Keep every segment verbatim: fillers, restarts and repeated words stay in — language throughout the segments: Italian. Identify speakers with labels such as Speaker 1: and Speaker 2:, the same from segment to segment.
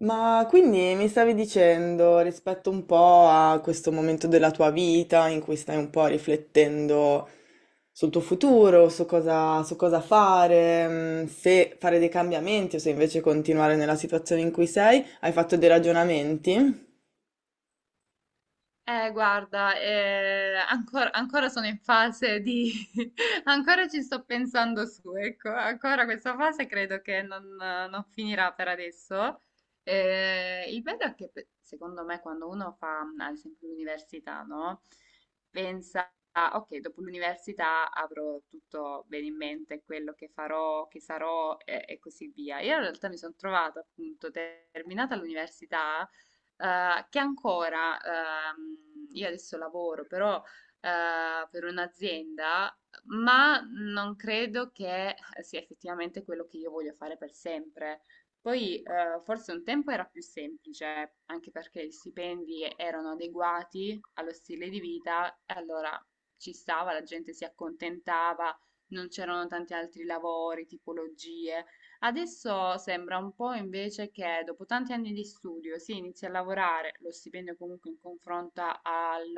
Speaker 1: Ma quindi mi stavi dicendo rispetto un po' a questo momento della tua vita in cui stai un po' riflettendo sul tuo futuro, su cosa, su cosa fare, mm, se fare dei cambiamenti o se invece continuare nella situazione in cui sei, hai fatto dei ragionamenti?
Speaker 2: Eh, guarda, eh, ancora, ancora sono in fase di... ancora ci sto pensando su, ecco, ancora questa fase credo che non, non finirà per adesso. Eh, il bello è che pe- secondo me quando uno fa, ad esempio, l'università, no? Pensa, "Ah, ok, dopo l'università avrò tutto bene in mente, quello che farò, che sarò e, e così via." Io in realtà mi sono trovata appunto terminata l'università, eh, che ancora, ehm, io adesso lavoro, però eh, per un'azienda, ma non credo che sia effettivamente quello che io voglio fare per sempre. Poi eh, forse un tempo era più semplice, anche perché gli stipendi erano adeguati allo stile di vita, e allora ci stava, la gente si accontentava, non c'erano tanti altri lavori, tipologie. Adesso sembra un po' invece che dopo tanti anni di studio si inizia a lavorare, lo stipendio comunque in confronto al,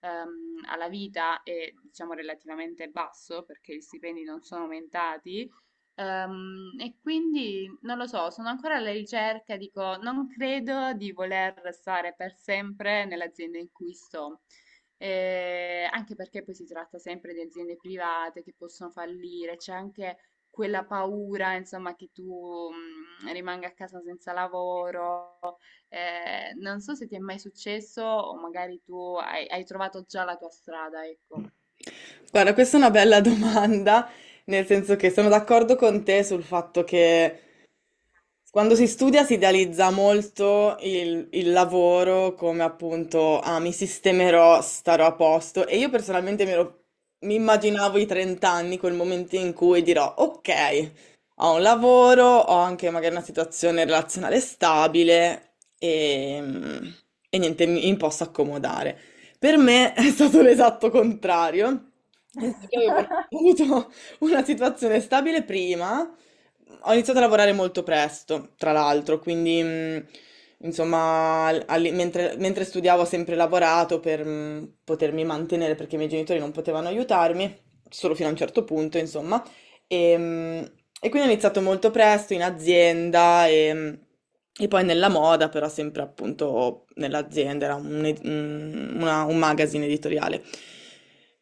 Speaker 2: ehm, alla vita è diciamo relativamente basso perché gli stipendi non sono aumentati. Ehm, e quindi non lo so, sono ancora alla ricerca, dico, non credo di voler stare per sempre nell'azienda in cui sto. Eh, anche perché poi si tratta sempre di aziende private che possono fallire, c'è anche quella paura, insomma, che tu, mhmm, rimanga a casa senza lavoro. Ehm, non so se ti è mai successo o magari tu hai hai trovato già la tua strada, ecco.
Speaker 1: Guarda, questa è una bella domanda, nel senso che sono d'accordo con te sul fatto che quando si studia si idealizza molto il, il lavoro come appunto, ah, mi sistemerò, starò a posto e io personalmente mi, ero- mi
Speaker 2: Eh.
Speaker 1: immaginavo i trent'anni anni, quel momento in cui dirò, ok, ho un lavoro, ho anche magari una situazione relazionale stabile e, e niente, mi, mi posso accomodare. Per me è stato l'esatto contrario, nel senso che avevo avuto una situazione stabile prima. Ho iniziato a lavorare molto presto, tra l'altro, quindi mh, insomma, al- alli- mentre, mentre studiavo ho sempre lavorato per mh, potermi mantenere perché i miei genitori non potevano aiutarmi, solo fino a un certo punto, insomma. E, mh, e quindi ho iniziato molto presto in azienda e, mh, e poi nella moda, però sempre appunto nell'azienda, era un, ed- un una- un magazine editoriale.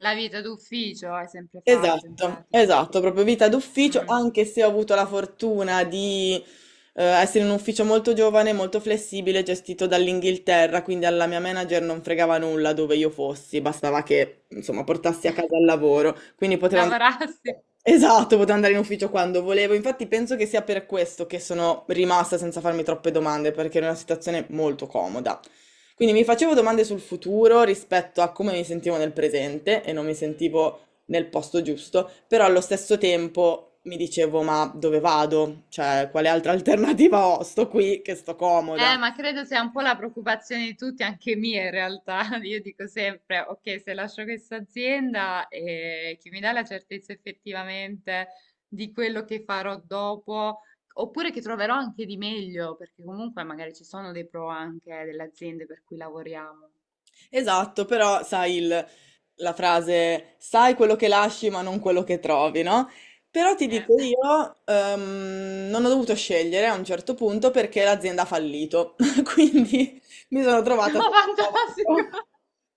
Speaker 2: La vita d'ufficio hai sempre fatto in
Speaker 1: Esatto,
Speaker 2: pratica.
Speaker 1: esatto, proprio vita d'ufficio,
Speaker 2: Mh.
Speaker 1: anche se ho avuto la fortuna di eh, essere in un ufficio molto giovane, molto flessibile, gestito dall'Inghilterra, quindi alla mia manager non fregava nulla dove io fossi, bastava che, insomma, portassi a casa il lavoro, quindi potevo andare.
Speaker 2: Lavorassi.
Speaker 1: Esatto, potevo andare in ufficio quando volevo, infatti penso che sia per questo che sono rimasta senza farmi troppe domande, perché era una situazione molto comoda. Quindi mi facevo domande sul futuro rispetto a come mi sentivo nel presente e non mi sentivo nel posto giusto, però allo stesso tempo mi dicevo, ma dove vado? Cioè, quale altra alternativa ho? Sto qui, che sto comoda.
Speaker 2: Eh, ma credo sia un po' la preoccupazione di tutti, anche mia in realtà. Io dico sempre, ok, se lascio questa azienda, eh, chi mi dà la certezza effettivamente di quello che farò dopo, oppure che troverò anche di meglio, perché comunque magari ci sono dei pro anche eh, delle aziende per cui lavoriamo.
Speaker 1: Esatto, però sai il- la frase, sai quello che lasci ma non quello che trovi, no? Però ti
Speaker 2: Eh,
Speaker 1: dico io, ehm, non ho dovuto scegliere a un certo punto perché l'azienda ha fallito, quindi mi sono trovata
Speaker 2: no,
Speaker 1: senza lavoro.
Speaker 2: fantastico.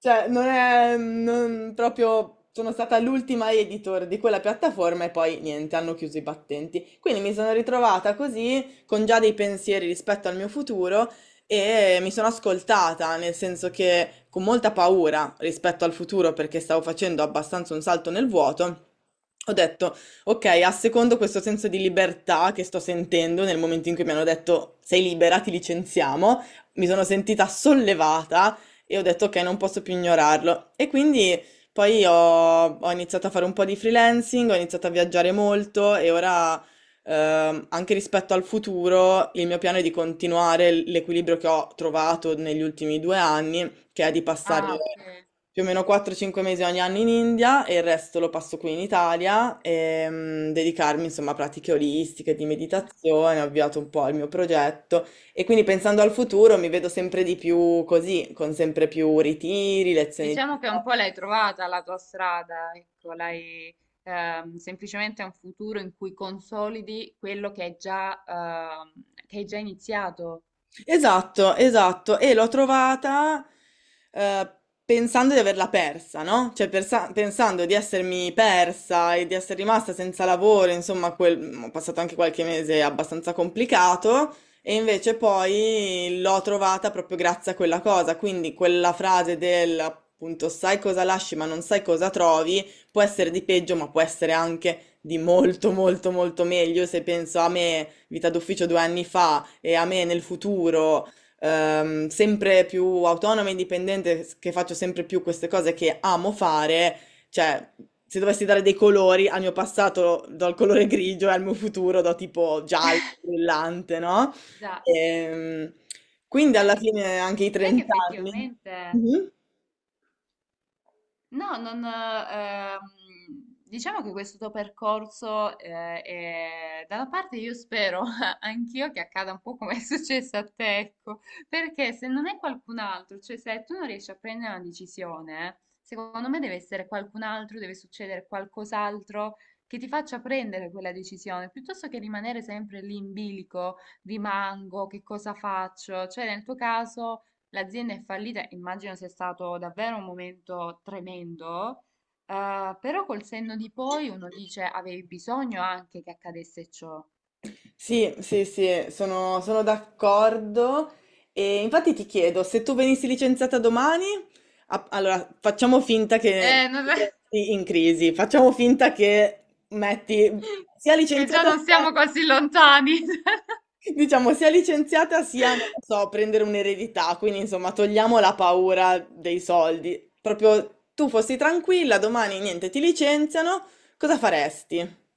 Speaker 1: Cioè, non è non- proprio. Sono stata l'ultima editor di quella piattaforma e poi niente, hanno chiuso i battenti. Quindi mi sono ritrovata così, con già dei pensieri rispetto al mio futuro e mi sono ascoltata, nel senso che con molta paura rispetto al futuro perché stavo facendo abbastanza un salto nel vuoto. Ho detto, ok, assecondo questo senso di libertà che sto sentendo nel momento in cui mi hanno detto sei libera, ti licenziamo, mi sono sentita sollevata e ho detto ok, non posso più ignorarlo. E quindi poi ho, ho iniziato a fare un po' di freelancing, ho iniziato a viaggiare molto e ora ehm, anche rispetto al futuro il mio piano è di continuare l- l'equilibrio che ho trovato negli ultimi due anni, che è di passare
Speaker 2: Ah, ok.
Speaker 1: più o meno quattro cinque mesi ogni anno in India e il resto lo passo qui in Italia e mm, dedicarmi insomma a pratiche olistiche, di
Speaker 2: Fantastico.
Speaker 1: meditazione, ho avviato un po' il mio progetto e quindi pensando al futuro mi vedo sempre di più così, con sempre più ritiri, lezioni di.
Speaker 2: Diciamo che un po' l'hai trovata la tua strada, ecco, l'hai, ehm, semplicemente è un futuro in cui consolidi quello che hai già, ehm, che hai già iniziato.
Speaker 1: Esatto, esatto. E l'ho trovata eh, pensando di averla persa, no? Cioè persa- pensando di essermi persa e di essere rimasta senza lavoro, insomma, quel- ho passato anche qualche mese abbastanza complicato. E invece poi l'ho trovata proprio grazie a quella cosa, quindi quella frase del appunto sai cosa lasci ma non sai cosa trovi, può essere di peggio, ma può essere anche di molto molto molto meglio se penso a me, vita d'ufficio due anni fa, e a me nel futuro, ehm, sempre più autonoma e indipendente, s- che faccio sempre più queste cose che amo fare, cioè se dovessi dare dei colori al mio passato do il colore grigio e al mio futuro do tipo giallo, brillante, no?
Speaker 2: Già.
Speaker 1: Ehm, quindi
Speaker 2: Sai,
Speaker 1: alla
Speaker 2: che
Speaker 1: fine anche i
Speaker 2: sai che
Speaker 1: trent'anni anni.
Speaker 2: effettivamente.
Speaker 1: Mhm.
Speaker 2: No, non, eh, ehm, diciamo che questo tuo percorso, eh, è- da una parte io spero anch'io che accada un po' come è successo a te, ecco, perché se non è qualcun altro, cioè se tu non riesci a prendere una decisione, secondo me deve essere qualcun altro, deve succedere qualcos'altro che ti faccia prendere quella decisione, piuttosto che rimanere sempre lì in bilico, rimango, che cosa faccio? Cioè nel tuo caso l'azienda è fallita, immagino sia stato davvero un momento tremendo, eh, però col senno di poi uno dice avevi bisogno anche che accadesse ciò.
Speaker 1: Sì, sì, sì, sono, sono d'accordo. E infatti ti chiedo, se tu venissi licenziata domani, a- allora facciamo finta
Speaker 2: Eh,
Speaker 1: che
Speaker 2: non-
Speaker 1: sei in crisi, facciamo finta che metti sia
Speaker 2: che già
Speaker 1: licenziata
Speaker 2: non
Speaker 1: sia,
Speaker 2: siamo così lontani.
Speaker 1: diciamo, sia licenziata sia, non lo so, prendere un'eredità, quindi insomma togliamo la paura dei soldi. Proprio tu fossi tranquilla, domani niente, ti licenziano, cosa faresti?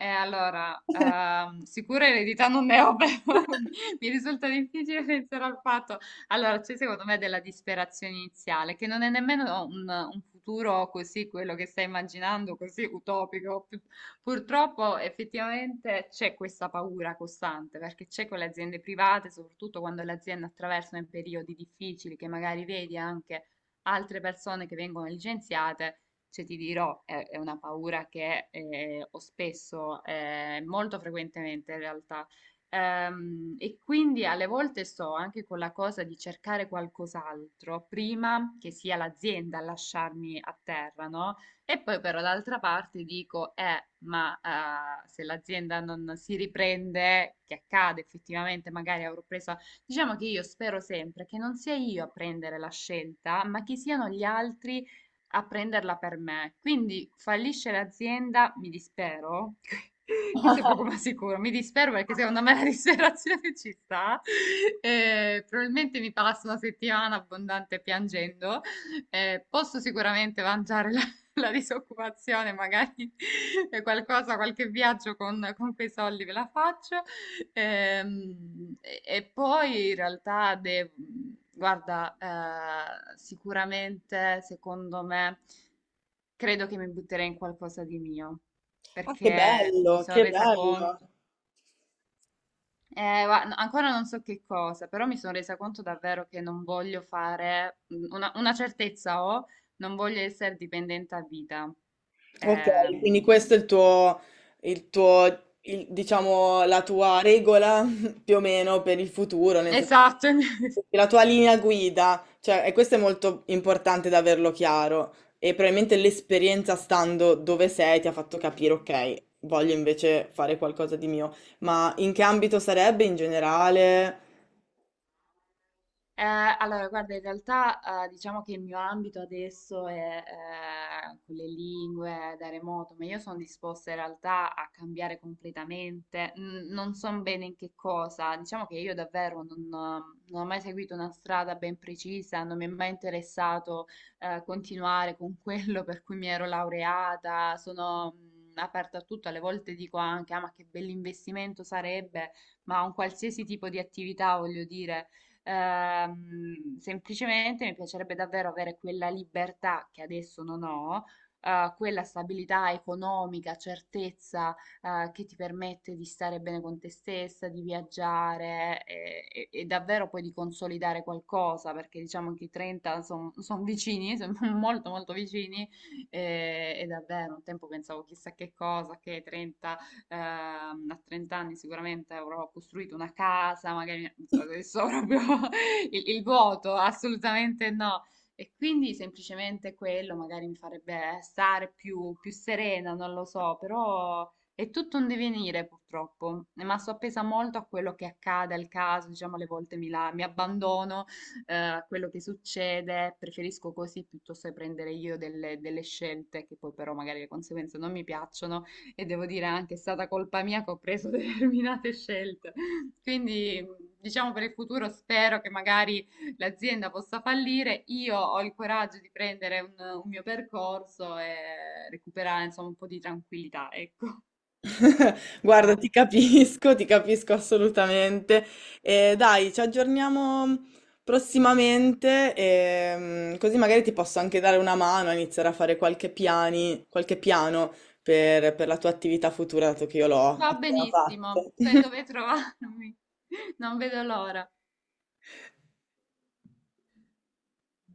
Speaker 2: Eh, allora, ehm, sicura eredità non ne ho, però mi mi risulta difficile pensare al fatto. Allora, c'è secondo me della disperazione iniziale, che non è nemmeno un, un futuro così, quello che stai immaginando, così utopico. Pu- Purtroppo effettivamente c'è questa paura costante, perché c'è con le aziende private, soprattutto quando le aziende attraversano i periodi difficili, che magari vedi anche altre persone che vengono licenziate, cioè, ti dirò, è, è una paura che eh, ho spesso, eh, molto frequentemente in realtà. Ehm, e quindi alle volte sto anche con la cosa di cercare qualcos'altro prima che sia l'azienda a lasciarmi a terra, no? E poi però d'altra parte dico, eh, ma eh, se l'azienda non si riprende, che accade effettivamente, magari avrò preso... Diciamo che io spero sempre che non sia io a prendere la scelta, ma che siano gli altri a prenderla per me. Quindi fallisce l'azienda, mi dispero. Questo è poco ma sicuro, mi dispero perché secondo me la disperazione ci sta. Eh, probabilmente mi passo una settimana abbondante piangendo. Eh, posso sicuramente mangiare la, la disoccupazione, magari qualcosa, qualche viaggio con, con quei soldi ve la faccio. Ehm, e, e poi in realtà, de- guarda, eh, sicuramente, secondo me, credo che mi butterei in qualcosa di mio,
Speaker 1: Ah, che
Speaker 2: perché mi
Speaker 1: bello,
Speaker 2: sono
Speaker 1: che
Speaker 2: resa
Speaker 1: bello.
Speaker 2: conto, eh, va- no, ancora non so che cosa, però mi sono resa conto davvero che non voglio fare, mm, una, una certezza ho, non voglio essere dipendente a vita.
Speaker 1: Ok, quindi
Speaker 2: Ehm,
Speaker 1: questo è il tuo, il tuo il- diciamo, la tua regola più o meno per il futuro, nel senso,
Speaker 2: esatto.
Speaker 1: la tua linea guida, cioè, e questo è molto importante da averlo chiaro e probabilmente l'esperienza stando dove sei ti ha fatto capire, ok, voglio invece fare qualcosa di mio, ma in che ambito sarebbe in generale?
Speaker 2: Eh, allora, guarda, in realtà eh, diciamo che il mio ambito adesso è eh, con le lingue da remoto, ma io sono disposta in realtà a cambiare completamente. N- non so bene in che cosa, diciamo che io davvero non, non ho mai seguito una strada ben precisa, non mi è mai interessato eh, continuare con quello per cui mi ero laureata, sono mh, aperta a tutto, alle volte dico anche, ah, ma che bell'investimento sarebbe, ma un qualsiasi tipo di attività, voglio dire. Ehm, semplicemente mi piacerebbe davvero avere quella libertà che adesso non ho, eh, quella stabilità economica, certezza, eh, che ti permette di stare bene con te stessa, di viaggiare, eh, e, e davvero poi di consolidare qualcosa, perché diciamo che i trenta sono vicini, sono molto molto vicini e, e davvero un tempo pensavo chissà che cosa, che trenta, ehm, a trenta anni sicuramente avrò costruito una casa, magari adesso ho proprio il, il vuoto, assolutamente no. E quindi semplicemente quello magari mi farebbe stare più, più serena, non lo so, però è tutto un divenire purtroppo, ma sto appesa molto a quello che accade, al caso, diciamo, alle volte mi, la- mi abbandono eh, a quello che succede, preferisco così piuttosto che prendere io delle, delle scelte che poi però magari le conseguenze non mi piacciono e devo dire anche è stata colpa mia che ho preso determinate scelte. Quindi diciamo per il futuro spero che magari l'azienda possa fallire, io ho il coraggio di prendere un, un mio percorso e recuperare insomma un po' di tranquillità, ecco, un
Speaker 1: Guarda,
Speaker 2: po'.
Speaker 1: ti capisco, ti capisco assolutamente. Eh, dai, ci aggiorniamo prossimamente, ehm, così magari ti posso anche dare una mano a iniziare a fare qualche piani, qualche piano per, per la tua attività futura, dato che io l'ho
Speaker 2: Va
Speaker 1: appena
Speaker 2: benissimo,
Speaker 1: fatto.
Speaker 2: sai dove trovarmi, non vedo l'ora.